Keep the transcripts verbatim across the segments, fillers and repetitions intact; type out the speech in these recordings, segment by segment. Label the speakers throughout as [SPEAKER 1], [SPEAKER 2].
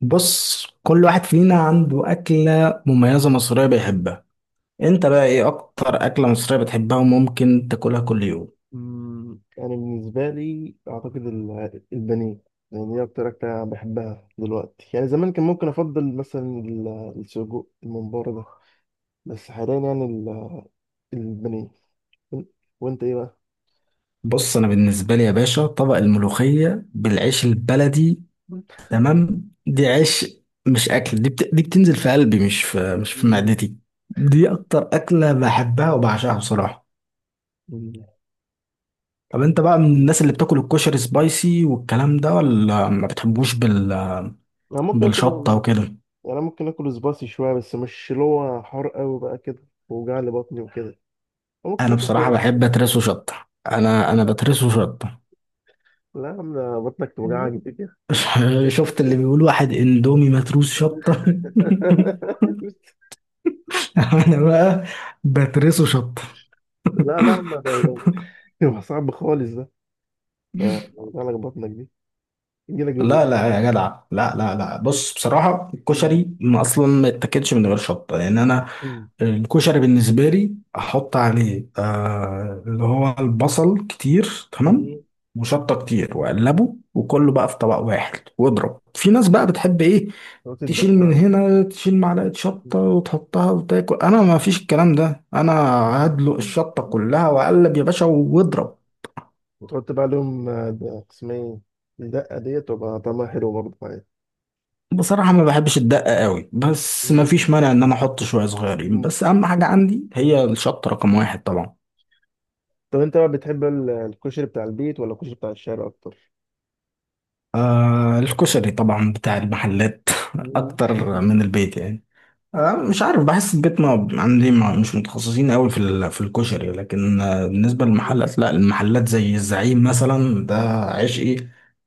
[SPEAKER 1] بص، كل واحد فينا عنده أكلة مميزة مصرية بيحبها. انت بقى، ايه اكتر أكلة مصرية بتحبها وممكن تاكلها كل يوم؟
[SPEAKER 2] مم، يعني بالنسبة لي أعتقد ال- البانيه. يعني دي أكتر أكلة أنا بحبها دلوقتي. يعني زمان كان ممكن أفضل مثلا ال- السجق الممبار ده. بس حاليا يعني ال- البانيه. وأنت إيه بقى؟
[SPEAKER 1] بص، انا بالنسبة لي يا باشا طبق الملوخية بالعيش
[SPEAKER 2] مم.
[SPEAKER 1] البلدي.
[SPEAKER 2] مم.
[SPEAKER 1] تمام، دي عيش، مش أكل دي, بت... دي بتنزل في قلبي، مش في مش في معدتي. دي اكتر أكلة بحبها وبعشقها بصراحة.
[SPEAKER 2] مم.
[SPEAKER 1] طب انت بقى من
[SPEAKER 2] مم.
[SPEAKER 1] الناس اللي بتاكل الكشري سبايسي والكلام ده، ولا ما بتحبوش بال...
[SPEAKER 2] أنا ممكن آكل
[SPEAKER 1] بالشطة
[SPEAKER 2] يعني.
[SPEAKER 1] وكده؟
[SPEAKER 2] أنا ممكن آكل سبايسي شوية، بس مش اللي هو حار أوي بقى كده ووجع لي بطني وكده. ممكن
[SPEAKER 1] انا
[SPEAKER 2] آكل
[SPEAKER 1] بصراحه
[SPEAKER 2] شوية.
[SPEAKER 1] بحب اترسه شطه، انا انا بترسه شطه.
[SPEAKER 2] لا يا عم، ده بطنك توجعك دي كده.
[SPEAKER 1] شفت اللي بيقول؟ واحد اندومي متروس شطه. انا بقى بترسه شطه.
[SPEAKER 2] لا لا، ما ده، ده- ده صعب خالص ده. ده ده وجع لك بطنك دي. يجي لك
[SPEAKER 1] لا
[SPEAKER 2] بالوقت.
[SPEAKER 1] لا يا جدع، لا لا لا، بص بصراحه،
[SPEAKER 2] مم.
[SPEAKER 1] الكشري ما اصلا ما يتاكلش من غير شطه، لان انا
[SPEAKER 2] مم.
[SPEAKER 1] الكشري بالنسبه لي احط عليه آه اللي هو البصل كتير، تمام.
[SPEAKER 2] مم.
[SPEAKER 1] وشطه كتير، واقلبه وكله بقى في طبق واحد واضرب. في ناس بقى بتحب ايه،
[SPEAKER 2] تقعد
[SPEAKER 1] تشيل
[SPEAKER 2] تدق
[SPEAKER 1] من
[SPEAKER 2] عليه.
[SPEAKER 1] هنا، تشيل معلقة
[SPEAKER 2] مم.
[SPEAKER 1] شطة وتحطها وتاكل. انا ما فيش الكلام ده، انا هدلق
[SPEAKER 2] مم.
[SPEAKER 1] الشطة كلها واقلب يا باشا واضرب.
[SPEAKER 2] وتحط بقى عليهم، آه، ده اسمها ايه؟ الدقة ديت تبقى طعمها حلو برضه معايا.
[SPEAKER 1] بصراحة ما بحبش الدقة قوي، بس ما
[SPEAKER 2] مم.
[SPEAKER 1] فيش مانع ان انا احط شوية صغيرين،
[SPEAKER 2] مم.
[SPEAKER 1] بس اهم حاجة عندي هي الشطة رقم واحد طبعا.
[SPEAKER 2] طب انت بقى بتحب ال- الكشري بتاع البيت ولا الكشري بتاع الشارع اكتر؟
[SPEAKER 1] آه، الكشري طبعا بتاع المحلات
[SPEAKER 2] مم.
[SPEAKER 1] اكتر من البيت يعني. آه، مش عارف، بحس البيت ما عندي ما مش متخصصين قوي في ال- في الكشري، لكن آه، بالنسبه
[SPEAKER 2] مم.
[SPEAKER 1] للمحلات لا، المحلات زي الزعيم مثلا ده
[SPEAKER 2] مم.
[SPEAKER 1] عشقي.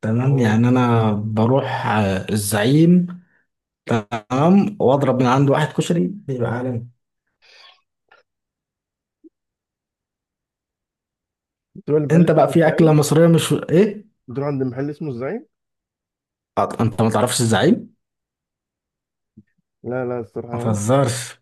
[SPEAKER 1] تمام،
[SPEAKER 2] آه.
[SPEAKER 1] يعني انا بروح آه، الزعيم. تمام، واضرب من عنده واحد كشري بيبقى عالمي.
[SPEAKER 2] بتروح لمحل
[SPEAKER 1] انت
[SPEAKER 2] اسمه
[SPEAKER 1] بقى، في اكله
[SPEAKER 2] الزعيم؟
[SPEAKER 1] مصريه مش، ايه؟
[SPEAKER 2] بتروح عند محل اسمه الزعيم؟
[SPEAKER 1] آه، انت ما تعرفش الزعيم؟
[SPEAKER 2] لا لا
[SPEAKER 1] ما
[SPEAKER 2] الصراحة.
[SPEAKER 1] تهزرش.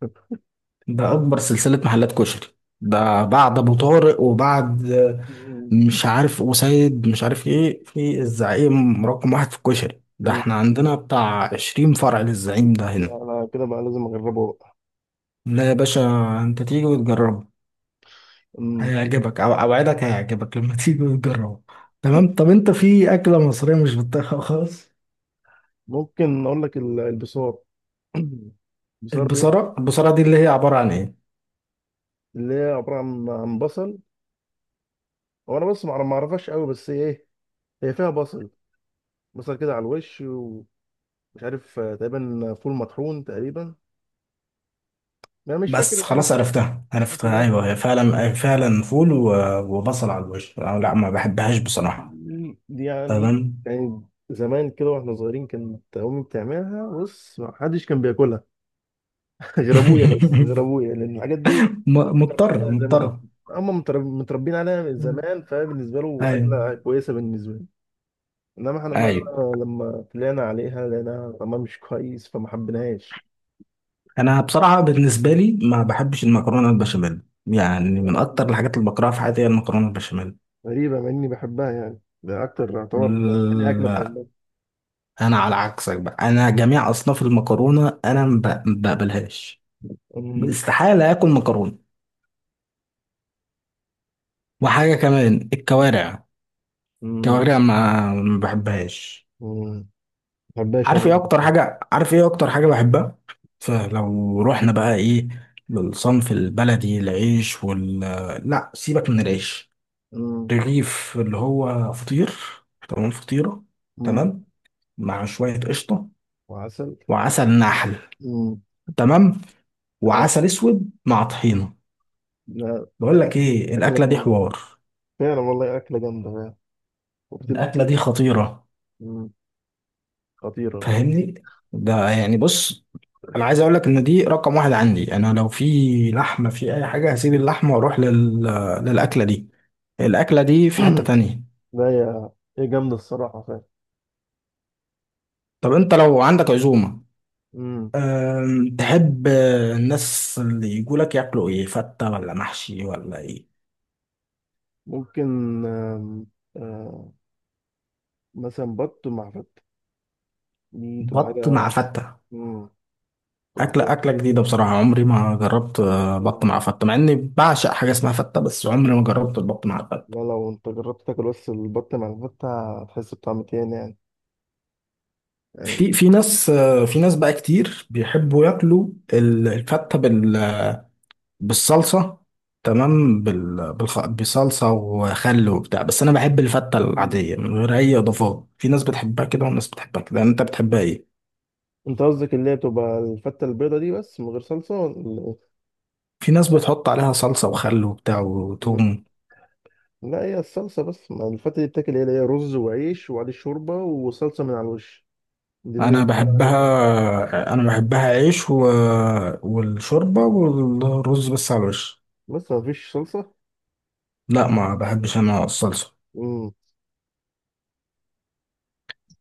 [SPEAKER 1] ده أكبر سلسلة محلات كشري. ده بعد أبو طارق، وبعد آه،
[SPEAKER 2] مم.
[SPEAKER 1] مش عارف، وسيد مش عارف إيه، في الزعيم رقم واحد في الكشري. ده
[SPEAKER 2] مم.
[SPEAKER 1] احنا عندنا بتاع عشرين فرع للزعيم ده
[SPEAKER 2] لا
[SPEAKER 1] هنا.
[SPEAKER 2] لا، كده بقى لازم اجربه.
[SPEAKER 1] لا يا باشا، أنت تيجي وتجربه.
[SPEAKER 2] مم.
[SPEAKER 1] هيعجبك، أو أوعدك هيعجبك لما تيجي وتجربه. تمام. طب أنت، في أكلة مصرية مش بتطيقها خالص؟
[SPEAKER 2] ممكن اقول لك ال- البصار. البصار دي
[SPEAKER 1] البصارة، البصارة دي، اللي هي عبارة عن إيه؟
[SPEAKER 2] اللي هي عباره عن عن بصل. هو انا بس ما ما اعرفهاش قوي، بس هي ايه؟ هي فيها بصل. بصل كده على الوش ومش عارف، آه، تقريبا فول مطحون تقريبا. انا مش فاكر،
[SPEAKER 1] بس
[SPEAKER 2] انا
[SPEAKER 1] خلاص
[SPEAKER 2] مش
[SPEAKER 1] عرفتها
[SPEAKER 2] مش
[SPEAKER 1] عرفتها. أيوه، هي
[SPEAKER 2] متذكر.
[SPEAKER 1] فعلا فعلا فول و- وبصل على الوش. أنا لا، ما بحبهاش بصراحة.
[SPEAKER 2] دي يعني
[SPEAKER 1] تمام.
[SPEAKER 2] يعني زمان كده واحنا صغيرين كانت امي بتعملها. بص، ما حدش كان بياكلها غير ابويا. بس غير ابويا لان الحاجات دي هم
[SPEAKER 1] م-
[SPEAKER 2] متربيين
[SPEAKER 1] مضطر
[SPEAKER 2] عليها زمان
[SPEAKER 1] مضطر.
[SPEAKER 2] اصلا. هم مترب- متربيين عليها من
[SPEAKER 1] مم.
[SPEAKER 2] زمان. فبالنسبه له
[SPEAKER 1] ايوه،
[SPEAKER 2] اكله كويسه بالنسبه له. انما احنا بقى
[SPEAKER 1] ايوه.
[SPEAKER 2] لما طلعنا عليها لقيناها طعمها مش كويس فما حبيناهاش.
[SPEAKER 1] انا بصراحه بالنسبه لي ما بحبش المكرونه البشاميل. يعني من اكتر الحاجات اللي بكرهها في حياتي هي المكرونه البشاميل.
[SPEAKER 2] غريبه مع اني بحبها، يعني ده اكتر يعتبر تاني اكله
[SPEAKER 1] لا،
[SPEAKER 2] بحبها.
[SPEAKER 1] انا على عكسك بقى، انا جميع اصناف المكرونه انا ما ب- ما بقبلهاش.
[SPEAKER 2] أمم.
[SPEAKER 1] استحاله اكل مكرونه. وحاجه كمان،
[SPEAKER 2] أمم.
[SPEAKER 1] الكوارع.
[SPEAKER 2] أمم.
[SPEAKER 1] الكوارع ما ما بحبهاش.
[SPEAKER 2] ما بحبهاش
[SPEAKER 1] عارف
[SPEAKER 2] انا.
[SPEAKER 1] ايه اكتر حاجة عارف ايه اكتر حاجة بحبها؟ فلو رحنا بقى، ايه، للصنف البلدي العيش وال لا، سيبك من العيش.
[SPEAKER 2] أمم.
[SPEAKER 1] رغيف اللي هو فطير، تمام، فطيرة.
[SPEAKER 2] أمم.
[SPEAKER 1] تمام، مع شوية قشطة.
[SPEAKER 2] وعسل.
[SPEAKER 1] وعسل نحل.
[SPEAKER 2] أمم.
[SPEAKER 1] تمام.
[SPEAKER 2] آه.
[SPEAKER 1] وعسل اسود مع طحينة.
[SPEAKER 2] لا،
[SPEAKER 1] بقول لك ايه،
[SPEAKER 2] اكله
[SPEAKER 1] الاكلة دي
[SPEAKER 2] جامده.
[SPEAKER 1] حوار.
[SPEAKER 2] فعلا والله اكله جامده فعلا. وكتير مش
[SPEAKER 1] الاكلة
[SPEAKER 2] حلوة.
[SPEAKER 1] دي خطيرة.
[SPEAKER 2] أمم. خطيرة.
[SPEAKER 1] فاهمني. ده يعني بص، انا عايز اقول لك ان دي رقم واحد عندي. انا لو في لحمه في اي حاجه، هسيب اللحمه واروح لل... للاكله دي. الاكله دي في حته تانية.
[SPEAKER 2] لا، هي هي جامدة الصراحة فعلا.
[SPEAKER 1] طب انت لو عندك عزومه،
[SPEAKER 2] مم.
[SPEAKER 1] أم... تحب الناس اللي يجوا لك ياكلوا ايه، فته ولا محشي ولا ايه؟
[SPEAKER 2] ممكن. آم، آه، مثلا بط مع فتة. دي تبقى
[SPEAKER 1] بط مع
[SPEAKER 2] حاجة.
[SPEAKER 1] فته.
[SPEAKER 2] مم. تبقى
[SPEAKER 1] اكله
[SPEAKER 2] حاجة.
[SPEAKER 1] اكله جديده بصراحه، عمري ما جربت آه، بط مع فته، مع اني بعشق حاجه اسمها فته، بس عمري ما جربت البط مع الفته.
[SPEAKER 2] لا، لو انت جربت تاكل بس البط مع الفتة هتحس بطعم تاني يعني يعني
[SPEAKER 1] في في ناس في ناس بقى كتير بيحبوا ياكلوا ال- الفتة بال- بالصلصة. تمام، بال- بالخ- بصلصة وخل وبتاع، بس أنا بحب الفتة
[SPEAKER 2] مم.
[SPEAKER 1] العادية من غير أي إضافات. في ناس بتحبها كده وناس بتحبها كده، أنت بتحبها إيه؟
[SPEAKER 2] انت قصدك اللي هي بتبقى الفتة البيضة دي بس من غير صلصة ولا ايه؟
[SPEAKER 1] في ناس بتحط عليها صلصة وخل وبتاع
[SPEAKER 2] مم.
[SPEAKER 1] وتوم.
[SPEAKER 2] لا، هي الصلصة بس. ما الفتة دي بتاكل ايه؟ اللي هي رز وعيش وعليه شوربة وصلصة من على الوش. دي اللي
[SPEAKER 1] أنا
[SPEAKER 2] بتبقى عارفها،
[SPEAKER 1] بحبها أنا بحبها عيش و... والشوربة والرز بس على الوش.
[SPEAKER 2] بس ما فيش صلصة.
[SPEAKER 1] لا، ما بحبش أنا الصلصة.
[SPEAKER 2] مم.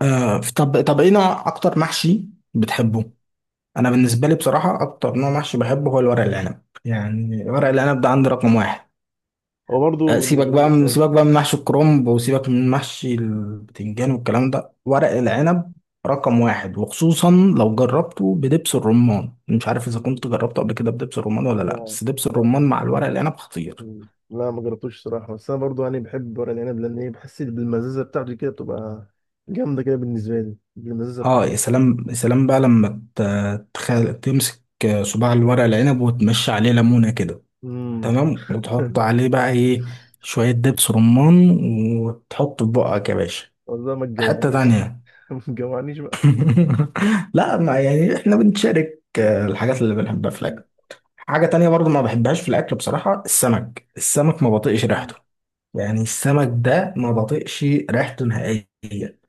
[SPEAKER 1] آه، طب طب إيه نوع أكتر محشي بتحبه؟ انا بالنسبه لي بصراحه، اكتر نوع محشي بحبه هو الورق العنب، يعني ورق العنب ده عندي رقم واحد.
[SPEAKER 2] هو برضه
[SPEAKER 1] أه، سيبك
[SPEAKER 2] بالنسبة لي
[SPEAKER 1] بقى من
[SPEAKER 2] كويس.
[SPEAKER 1] سيبك بقى من محشي الكرنب، وسيبك من محشي البتنجان والكلام ده، ورق العنب رقم واحد. وخصوصا لو جربته بدبس الرمان، مش عارف اذا
[SPEAKER 2] مم.
[SPEAKER 1] كنت جربته قبل كده بدبس الرمان ولا لا،
[SPEAKER 2] لا
[SPEAKER 1] بس دبس
[SPEAKER 2] لا.
[SPEAKER 1] الرمان مع الورق العنب خطير.
[SPEAKER 2] مم. لا، ما جربتوش صراحة، بس أنا برضه يعني بحب ورق العنب، لأن إيه، بحس إن بالمزازة بتاعته كده بتبقى جامدة كده بالنسبة لي بالمزازة
[SPEAKER 1] اه
[SPEAKER 2] بتاعته.
[SPEAKER 1] يا سلام، يا سلام بقى لما ت- تخ- تمسك صباع الورق العنب وتمشي عليه ليمونه كده،
[SPEAKER 2] امم.
[SPEAKER 1] تمام، وتحط عليه بقى ايه، شوية دبس رمان، وتحط في بقك يا باشا.
[SPEAKER 2] والله ما
[SPEAKER 1] حتة
[SPEAKER 2] تجوعنيش بقى.
[SPEAKER 1] تانية.
[SPEAKER 2] ما تجوعنيش بقى.
[SPEAKER 1] لا ما، يعني احنا بنشارك آه، الحاجات اللي بنحبها في
[SPEAKER 2] مم.
[SPEAKER 1] الأكل. حاجة تانية برضو ما بحبهاش في الأكل بصراحة، السمك. السمك ما بطيقش
[SPEAKER 2] مم.
[SPEAKER 1] ريحته. يعني السمك ده ما بطيقش ريحته نهائيا.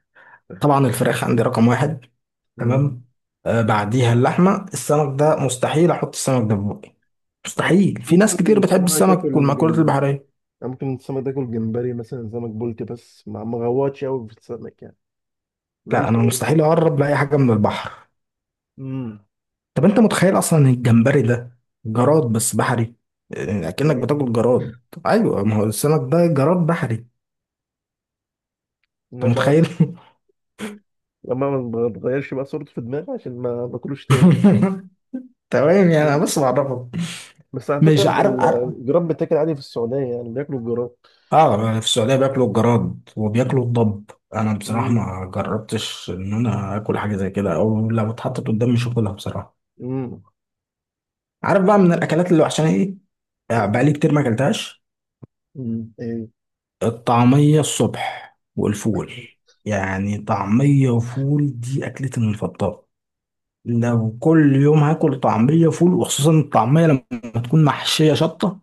[SPEAKER 1] طبعا الفراخ عندي رقم واحد،
[SPEAKER 2] مم.
[SPEAKER 1] تمام. آه، بعديها اللحمة. السمك ده مستحيل أحط السمك ده في بقي،
[SPEAKER 2] أنا ممكن
[SPEAKER 1] مستحيل. في ناس
[SPEAKER 2] ممكن
[SPEAKER 1] كتير بتحب
[SPEAKER 2] السمك
[SPEAKER 1] السمك
[SPEAKER 2] آكل
[SPEAKER 1] والمأكولات
[SPEAKER 2] جمبري.
[SPEAKER 1] البحرية.
[SPEAKER 2] أنا ممكن السمك آكل جمبري مثلا سمك بولتي، بس ما ما غواتش أوي في السمك يعني.
[SPEAKER 1] لا،
[SPEAKER 2] ماليش
[SPEAKER 1] انا
[SPEAKER 2] أوي في
[SPEAKER 1] مستحيل اقرب
[SPEAKER 2] السمك.
[SPEAKER 1] لاي حاجه من البحر.
[SPEAKER 2] امم.
[SPEAKER 1] طب انت متخيل اصلا إن الجمبري ده جراد بس بحري؟ يعني اكنك
[SPEAKER 2] جربت.
[SPEAKER 1] بتاكل جراد. ايوه، ما هو السمك ده جراد بحري.
[SPEAKER 2] لا
[SPEAKER 1] انت
[SPEAKER 2] بقى.
[SPEAKER 1] متخيل؟
[SPEAKER 2] لما ما تغيرش بقى صورته في دماغي عشان ما باكلوش تاني.
[SPEAKER 1] تمام، يعني انا
[SPEAKER 2] مم.
[SPEAKER 1] بس بعرفك.
[SPEAKER 2] بس على
[SPEAKER 1] مش
[SPEAKER 2] فكرة
[SPEAKER 1] عارف،
[SPEAKER 2] ال-
[SPEAKER 1] عارف.
[SPEAKER 2] الجراب بتاكل عادي في السعودية، يعني بياكلوا الجراب.
[SPEAKER 1] اه، في السعوديه بياكلوا الجراد وبياكلوا الضب. انا بصراحه
[SPEAKER 2] امم.
[SPEAKER 1] ما جربتش ان انا اكل حاجه زي كده، او لو اتحطت قدامي مش هاكلها بصراحه.
[SPEAKER 2] امم.
[SPEAKER 1] عارف بقى من الاكلات اللي وحشاني ايه؟ آه، بقالي كتير ما اكلتهاش.
[SPEAKER 2] مم. ايه.
[SPEAKER 1] الطعمية الصبح والفول. يعني طعمية وفول دي أكلتي المفضلة. لو كل يوم هاكل طعمية وفول، وخصوصا الطعمية لما تكون محشية شطة،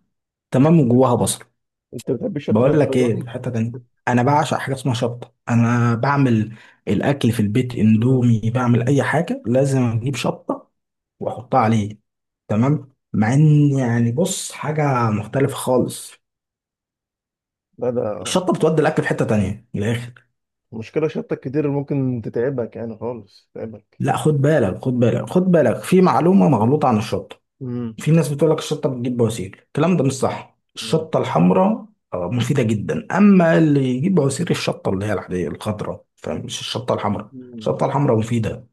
[SPEAKER 1] تمام، وجواها بصل.
[SPEAKER 2] انت بتحب الشطة
[SPEAKER 1] بقول لك
[SPEAKER 2] للدرجة
[SPEAKER 1] ايه؟
[SPEAKER 2] دي؟
[SPEAKER 1] في حتة تانية. انا بعشق حاجة اسمها شطة. انا بعمل الاكل في البيت
[SPEAKER 2] مم.
[SPEAKER 1] اندومي، بعمل اي حاجة لازم اجيب شطة واحطها عليه. تمام، مع ان يعني بص، حاجة مختلفة خالص.
[SPEAKER 2] لا ده.
[SPEAKER 1] الشطة بتودي الاكل في حتة تانية من الاخر.
[SPEAKER 2] مشكلة شطة كتير اللي ممكن تتعبك يعني خالص تتعبك.
[SPEAKER 1] لا، خد بالك خد بالك خد بالك، في معلومة
[SPEAKER 2] مم.
[SPEAKER 1] مغلوطة عن الشطة.
[SPEAKER 2] امم.
[SPEAKER 1] في ناس بتقول لك الشطة بتجيب بواسير، الكلام ده مش صح. الشطة الحمراء آه، مفيدة جدا. أما اللي يجيب بواسير الشطة اللي هي العادية الخضراء، فمش الشطة الحمراء.
[SPEAKER 2] مم.
[SPEAKER 1] الشطة الحمراء مفيدة.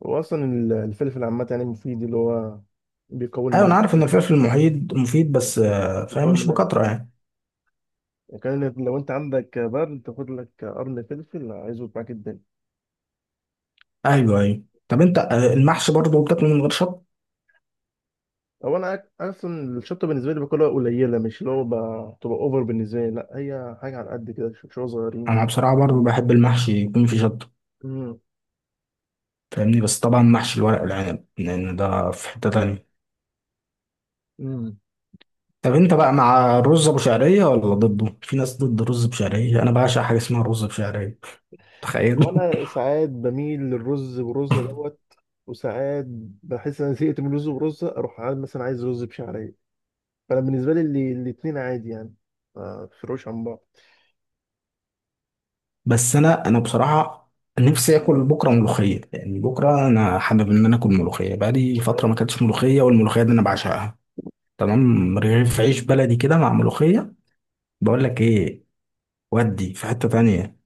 [SPEAKER 2] واصلا ال- الفلفل عامة يعني مفيد اللي هو بيقوي
[SPEAKER 1] أيوة، أنا
[SPEAKER 2] المناعة.
[SPEAKER 1] عارف إن الفلفل المحيط مفيد، بس آه،
[SPEAKER 2] بيقوي
[SPEAKER 1] فاهم مش
[SPEAKER 2] المناعة،
[SPEAKER 1] بكترة يعني.
[SPEAKER 2] كان لو انت عندك برد تاخد لك قرن فلفل هيظبط معاك الدنيا.
[SPEAKER 1] أيوة، أيوة. طب أنت آه، المحشي برضه بتاكله من غير شطة؟
[SPEAKER 2] هو انا اصلا الشطه بالنسبه لي باكلها قليله. مش اللي هو ب- تبقى اوفر بالنسبه لي، لا هي حاجه على قد كده، ش- شويه صغيرين.
[SPEAKER 1] أنا بصراحة برضه بحب المحشي يكون فيه شطة.
[SPEAKER 2] امم.
[SPEAKER 1] فاهمني. بس طبعا محشي الورق العنب، لأن ده في حتة تانية.
[SPEAKER 2] امم.
[SPEAKER 1] طب انت بقى، مع الرز ابو شعريه ولا ضده؟ في ناس ضد الرز بشعريه. انا بعشق حاجه اسمها رز بشعريه.
[SPEAKER 2] هو
[SPEAKER 1] تخيل.
[SPEAKER 2] انا ساعات بميل للرز برزه دوت. وساعات بحس ان انا زهقت من الرز برزه اروح عايز- مثلا عايز رز بشعريه. فانا بالنسبه لي اللي- الاتنين عادي يعني. ما بيفرقوش عن بعض.
[SPEAKER 1] بس انا انا بصراحه، نفسي اكل
[SPEAKER 2] امم.
[SPEAKER 1] بكره ملوخيه، يعني بكره انا حابب ان انا اكل ملوخيه. بقالي فتره ما
[SPEAKER 2] فاهم.
[SPEAKER 1] اكلتش ملوخيه، والملوخيه دي انا بعشقها. تمام، رغيف عيش بلدي كده مع ملوخيه. بقول لك ايه، ودي في حته تانية.